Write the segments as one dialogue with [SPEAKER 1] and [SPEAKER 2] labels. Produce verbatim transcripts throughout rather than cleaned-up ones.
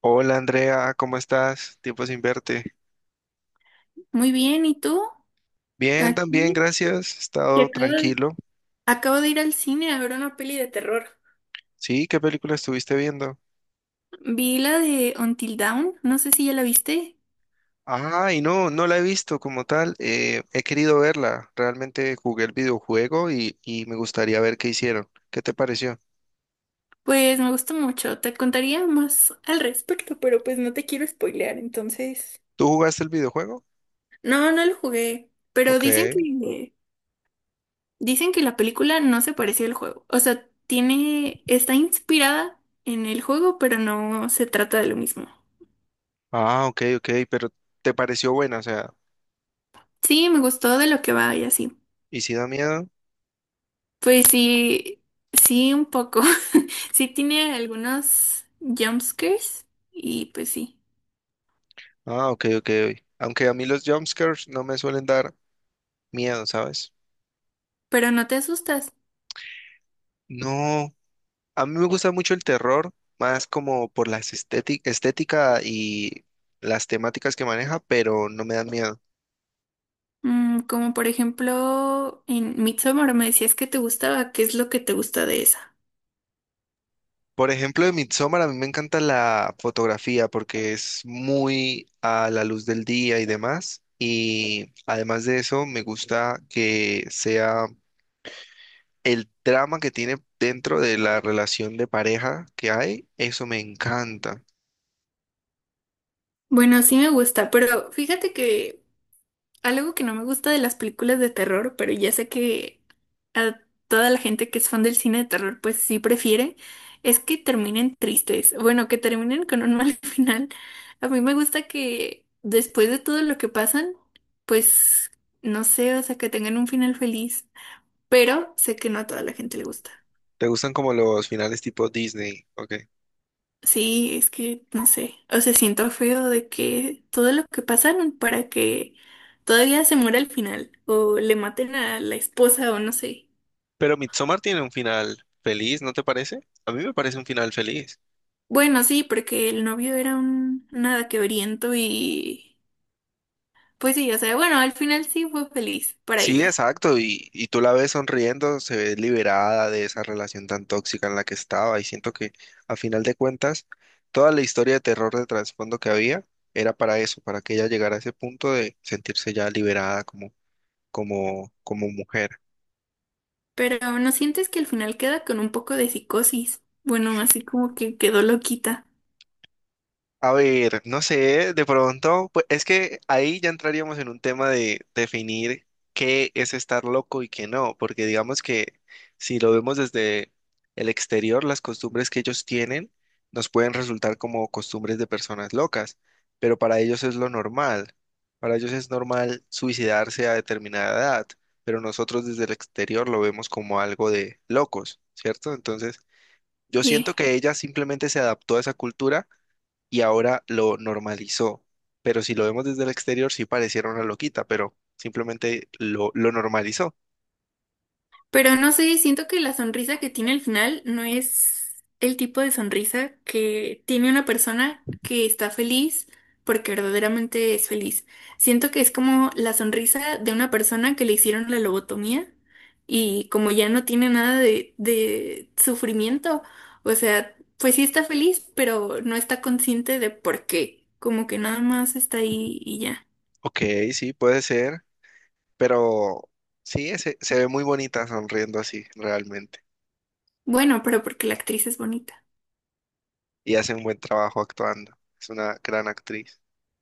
[SPEAKER 1] Hola Andrea, ¿cómo estás? Tiempo sin verte.
[SPEAKER 2] Muy bien, ¿y tú?
[SPEAKER 1] Bien, también,
[SPEAKER 2] Aquí,
[SPEAKER 1] gracias. He
[SPEAKER 2] que
[SPEAKER 1] estado
[SPEAKER 2] acabo,
[SPEAKER 1] tranquilo.
[SPEAKER 2] acabo de ir al cine a ver una peli de terror.
[SPEAKER 1] Sí, ¿qué película estuviste viendo?
[SPEAKER 2] Vi la de Until Dawn, no sé si ya la viste.
[SPEAKER 1] Ay, no, no la he visto como tal. eh, he querido verla. Realmente jugué el videojuego y, y me gustaría ver qué hicieron. ¿Qué te pareció?
[SPEAKER 2] Pues me gustó mucho, te contaría más al respecto, pero pues no te quiero spoilear, entonces.
[SPEAKER 1] ¿Tú jugaste el videojuego?
[SPEAKER 2] No, no lo jugué, pero
[SPEAKER 1] Ok.
[SPEAKER 2] dicen que dicen que la película no se pareció al juego. O sea, tiene está inspirada en el juego, pero no se trata de lo mismo.
[SPEAKER 1] Ah, ok, ok, pero ¿te pareció buena? O sea,
[SPEAKER 2] Sí, me gustó de lo que va y así.
[SPEAKER 1] ¿y si da miedo?
[SPEAKER 2] Pues sí, sí, un poco. Sí tiene algunos jumpscares y pues sí,
[SPEAKER 1] Ah, ok, ok. Ok. Aunque a mí los jumpscares no me suelen dar miedo, ¿sabes?
[SPEAKER 2] pero no te asustas.
[SPEAKER 1] No. A mí me gusta mucho el terror, más como por la estética y las temáticas que maneja, pero no me dan miedo.
[SPEAKER 2] Mm, como por ejemplo en Midsommar me decías que te gustaba, ¿qué es lo que te gusta de esa?
[SPEAKER 1] Por ejemplo, de Midsommar a mí me encanta la fotografía porque es muy a la luz del día y demás. Y además de eso, me gusta que sea el drama que tiene dentro de la relación de pareja que hay. Eso me encanta.
[SPEAKER 2] Bueno, sí me gusta, pero fíjate que algo que no me gusta de las películas de terror, pero ya sé que a toda la gente que es fan del cine de terror, pues sí prefiere, es que terminen tristes. Bueno, que terminen con un mal final. A mí me gusta que después de todo lo que pasan, pues no sé, o sea, que tengan un final feliz. Pero sé que no a toda la gente le gusta.
[SPEAKER 1] ¿Te gustan como los finales tipo Disney? Ok.
[SPEAKER 2] Sí, es que no sé. O sea, siento feo de que todo lo que pasaron para que todavía se muera al final o le maten a la esposa o no sé.
[SPEAKER 1] Pero Midsommar tiene un final feliz, ¿no te parece? A mí me parece un final feliz.
[SPEAKER 2] Bueno, sí, porque el novio era un nada quebriento y pues sí, o sea, bueno, al final sí fue feliz para
[SPEAKER 1] Sí,
[SPEAKER 2] ella,
[SPEAKER 1] exacto, y, y tú la ves sonriendo, se ve liberada de esa relación tan tóxica en la que estaba, y siento que a final de cuentas, toda la historia de terror de trasfondo que había era para eso, para que ella llegara a ese punto de sentirse ya liberada como, como, como mujer.
[SPEAKER 2] pero ¿no sientes que al final queda con un poco de psicosis? Bueno, así como que quedó loquita.
[SPEAKER 1] A ver, no sé, de pronto, pues es que ahí ya entraríamos en un tema de definir qué es estar loco y qué no, porque digamos que si lo vemos desde el exterior, las costumbres que ellos tienen nos pueden resultar como costumbres de personas locas, pero para ellos es lo normal. Para ellos es normal suicidarse a determinada edad, pero nosotros desde el exterior lo vemos como algo de locos, ¿cierto? Entonces, yo
[SPEAKER 2] Sí.
[SPEAKER 1] siento que ella simplemente se adaptó a esa cultura y ahora lo normalizó. Pero si lo vemos desde el exterior, sí pareciera una loquita, pero simplemente lo, lo normalizó.
[SPEAKER 2] Pero no sé, siento que la sonrisa que tiene al final no es el tipo de sonrisa que tiene una persona que está feliz porque verdaderamente es feliz. Siento que es como la sonrisa de una persona que le hicieron la lobotomía y como ya no tiene nada de, de sufrimiento, o sea, pues sí está feliz, pero no está consciente de por qué. Como que nada más está ahí y ya.
[SPEAKER 1] Ok, sí, puede ser, pero sí, se, se ve muy bonita sonriendo así, realmente.
[SPEAKER 2] Bueno, pero porque la actriz es bonita.
[SPEAKER 1] Y hace un buen trabajo actuando. Es una gran actriz.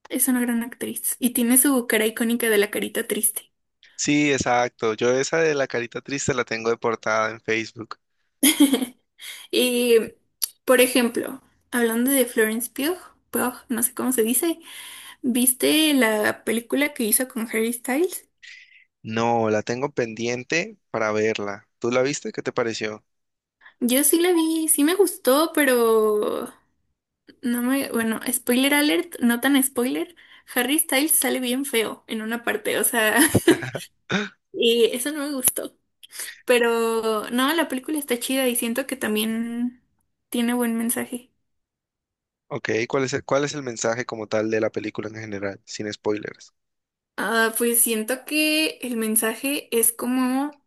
[SPEAKER 2] Es una gran actriz y tiene su cara icónica de la carita triste.
[SPEAKER 1] Sí, exacto. Yo esa de la carita triste la tengo de portada en Facebook.
[SPEAKER 2] Y, por ejemplo, hablando de Florence Pugh, Pugh, no sé cómo se dice, ¿viste la película que hizo con Harry Styles?
[SPEAKER 1] No, la tengo pendiente para verla. ¿Tú la viste? ¿Qué te pareció?
[SPEAKER 2] Yo sí la vi, sí me gustó, pero no me, bueno, spoiler alert, no tan spoiler, Harry Styles sale bien feo en una parte, o sea, y eso no me gustó. Pero no, la película está chida y siento que también tiene buen mensaje.
[SPEAKER 1] Ok, ¿cuál es el, cuál es el mensaje como tal de la película en general, sin spoilers?
[SPEAKER 2] Ah, pues siento que el mensaje es como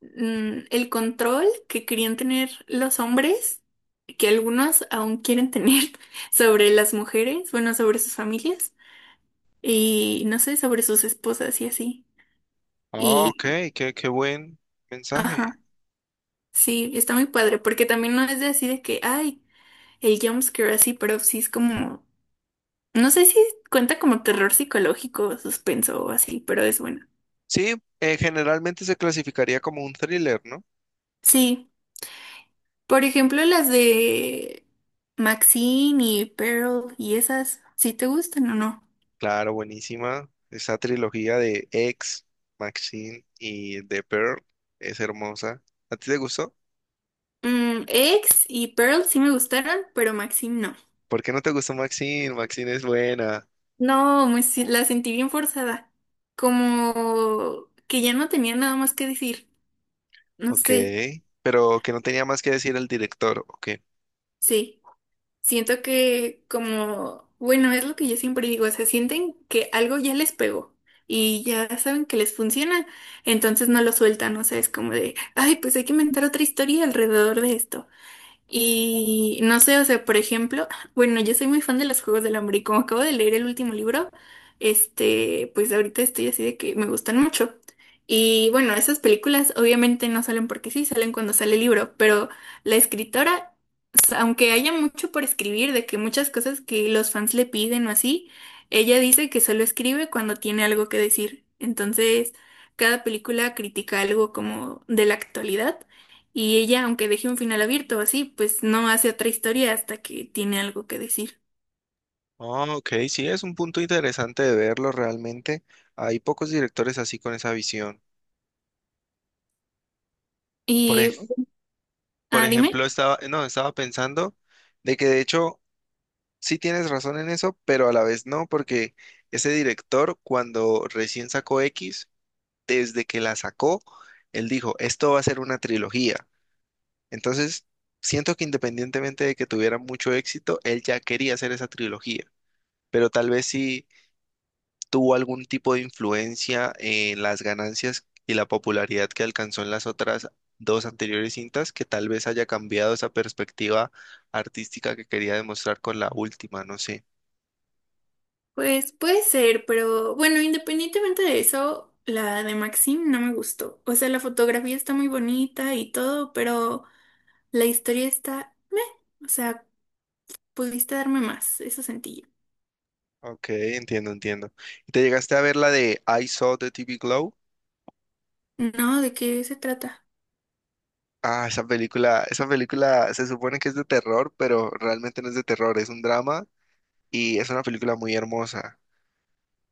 [SPEAKER 2] mm, el control que querían tener los hombres, que algunos aún quieren tener sobre las mujeres, bueno, sobre sus familias y no sé, sobre sus esposas y así.
[SPEAKER 1] Ah, ok,
[SPEAKER 2] Y,
[SPEAKER 1] qué, qué buen mensaje.
[SPEAKER 2] ajá, sí, está muy padre, porque también no es de así de que, ay, el jumpscare así, pero sí es como, no sé si cuenta como terror psicológico, suspenso o así, pero es bueno.
[SPEAKER 1] Sí, eh, generalmente se clasificaría como un thriller, ¿no?
[SPEAKER 2] Sí. Por ejemplo, las de Maxine y Pearl y esas, ¿sí te gustan o no?
[SPEAKER 1] Claro, buenísima. Esa trilogía de X, Maxine y The Pearl es hermosa. ¿A ti te gustó?
[SPEAKER 2] Mm, Ex y Pearl sí me gustaron, pero Maxine no.
[SPEAKER 1] ¿Por qué no te gustó Maxine? Maxine es buena.
[SPEAKER 2] No, me si- la sentí bien forzada. Como que ya no tenía nada más que decir. No
[SPEAKER 1] Ok,
[SPEAKER 2] sé,
[SPEAKER 1] pero que no tenía más que decir el director, ok.
[SPEAKER 2] sí. Siento que como, bueno, es lo que yo siempre digo, o sea, sienten que algo ya les pegó y ya saben que les funciona, entonces no lo sueltan, o sea, es como de, ay, pues hay que inventar otra historia alrededor de esto. Y no sé, o sea, por ejemplo, bueno, yo soy muy fan de los Juegos del Hambre y como acabo de leer el último libro, este, pues ahorita estoy así de que me gustan mucho. Y bueno, esas películas obviamente no salen porque sí, salen cuando sale el libro, pero la escritora, s- aunque haya mucho por escribir, de que muchas cosas que los fans le piden o así, ella dice que solo escribe cuando tiene algo que decir. Entonces, cada película critica algo como de la actualidad. Y ella, aunque deje un final abierto así, pues no hace otra historia hasta que tiene algo que decir.
[SPEAKER 1] Ah, ok, sí, es un punto interesante de verlo realmente. Hay pocos directores así con esa visión. Por, ej-
[SPEAKER 2] Y,
[SPEAKER 1] por
[SPEAKER 2] ah, dime.
[SPEAKER 1] ejemplo, estaba, no, estaba pensando de que de hecho Sí tienes razón en eso, pero a la vez no, porque ese director cuando recién sacó X, desde que la sacó, él dijo, esto va a ser una trilogía. Entonces, siento que independientemente de que tuviera mucho éxito, él ya quería hacer esa trilogía, pero tal vez sí tuvo algún tipo de influencia en las ganancias y la popularidad que alcanzó en las otras dos anteriores cintas, que tal vez haya cambiado esa perspectiva artística que quería demostrar con la última, no sé.
[SPEAKER 2] Pues puede ser, pero bueno, independientemente de eso, la de Maxim no me gustó. O sea, la fotografía está muy bonita y todo, pero la historia está meh. O sea, pudiste darme más, eso sentí yo.
[SPEAKER 1] Ok, entiendo, entiendo. ¿Y te llegaste a ver la de I Saw the T V Glow?
[SPEAKER 2] No, ¿de qué se trata?
[SPEAKER 1] Ah, esa película, esa película se supone que es de terror, pero realmente no es de terror, es un drama y es una película muy hermosa.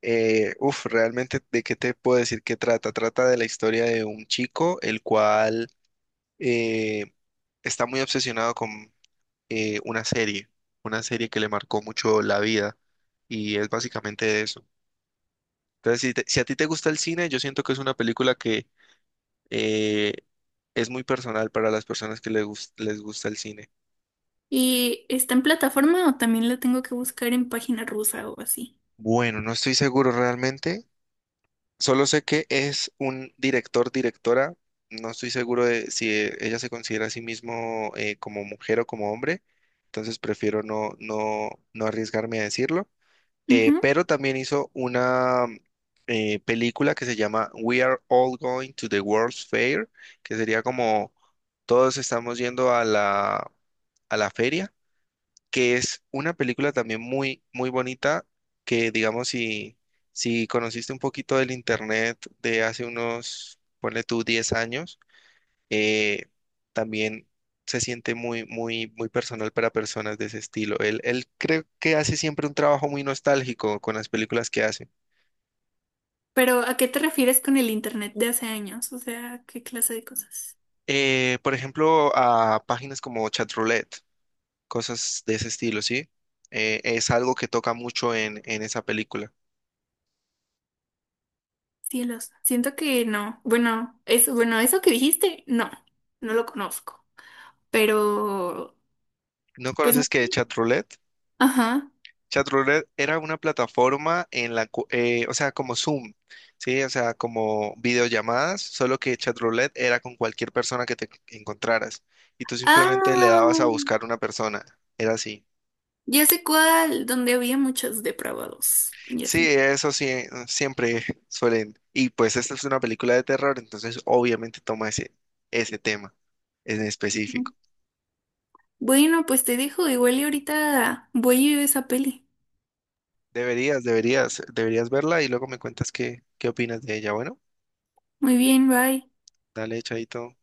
[SPEAKER 1] Eh, uf, realmente, ¿de qué te puedo decir que trata? Trata de la historia de un chico el cual eh, está muy obsesionado con eh, una serie, una serie, que le marcó mucho la vida y es básicamente eso. Entonces, si, te- si a ti te gusta el cine, yo siento que es una película que eh, es muy personal para las personas que les gus- les gusta el cine.
[SPEAKER 2] ¿Y está en plataforma o también la tengo que buscar en página rusa o así?
[SPEAKER 1] Bueno, no estoy seguro realmente. Solo sé que es un director, directora. No estoy seguro de si eh, ella se considera a sí mismo eh, como mujer o como hombre. Entonces prefiero no, no, no arriesgarme a decirlo. Eh,
[SPEAKER 2] Ujú.
[SPEAKER 1] pero también hizo una eh, película que se llama We Are All Going to the World's Fair, que sería como todos estamos yendo a la, a la feria que es una película también muy, muy bonita, que digamos, si, si conociste un poquito del internet de hace unos, ponle tú, diez años, eh, también se siente muy, muy, muy personal para personas de ese estilo. Él, él creo que hace siempre un trabajo muy nostálgico con las películas que hace.
[SPEAKER 2] Pero, ¿a qué te refieres con el internet de hace años? O sea, ¿qué clase de cosas?
[SPEAKER 1] Eh, por ejemplo, a páginas como Chatroulette, cosas de ese estilo, ¿sí? Eh, es algo que toca mucho en, en esa película.
[SPEAKER 2] Cielos. Siento que no. Bueno, eso, bueno, eso que dijiste, no, no lo conozco. Pero,
[SPEAKER 1] ¿No
[SPEAKER 2] pues
[SPEAKER 1] conoces
[SPEAKER 2] no
[SPEAKER 1] que
[SPEAKER 2] sé.
[SPEAKER 1] Chatroulette?
[SPEAKER 2] Ajá.
[SPEAKER 1] Chatroulette era una plataforma en la, cu- eh, o sea, como Zoom, ¿sí? O sea, como videollamadas, solo que Chatroulette era con cualquier persona que te encontraras y tú simplemente le dabas a
[SPEAKER 2] Ah,
[SPEAKER 1] buscar una persona, era así.
[SPEAKER 2] ya sé cuál, donde había muchos depravados. Ya
[SPEAKER 1] Sí,
[SPEAKER 2] sé.
[SPEAKER 1] eso sí, siempre suelen. Y pues esta es una película de terror, entonces obviamente toma ese, ese tema en específico.
[SPEAKER 2] Bueno, pues te dejo, igual y ahorita voy a ir a esa peli.
[SPEAKER 1] Deberías, deberías, deberías verla y luego me cuentas qué, qué opinas de ella. Bueno,
[SPEAKER 2] Muy bien, bye.
[SPEAKER 1] dale, chaito.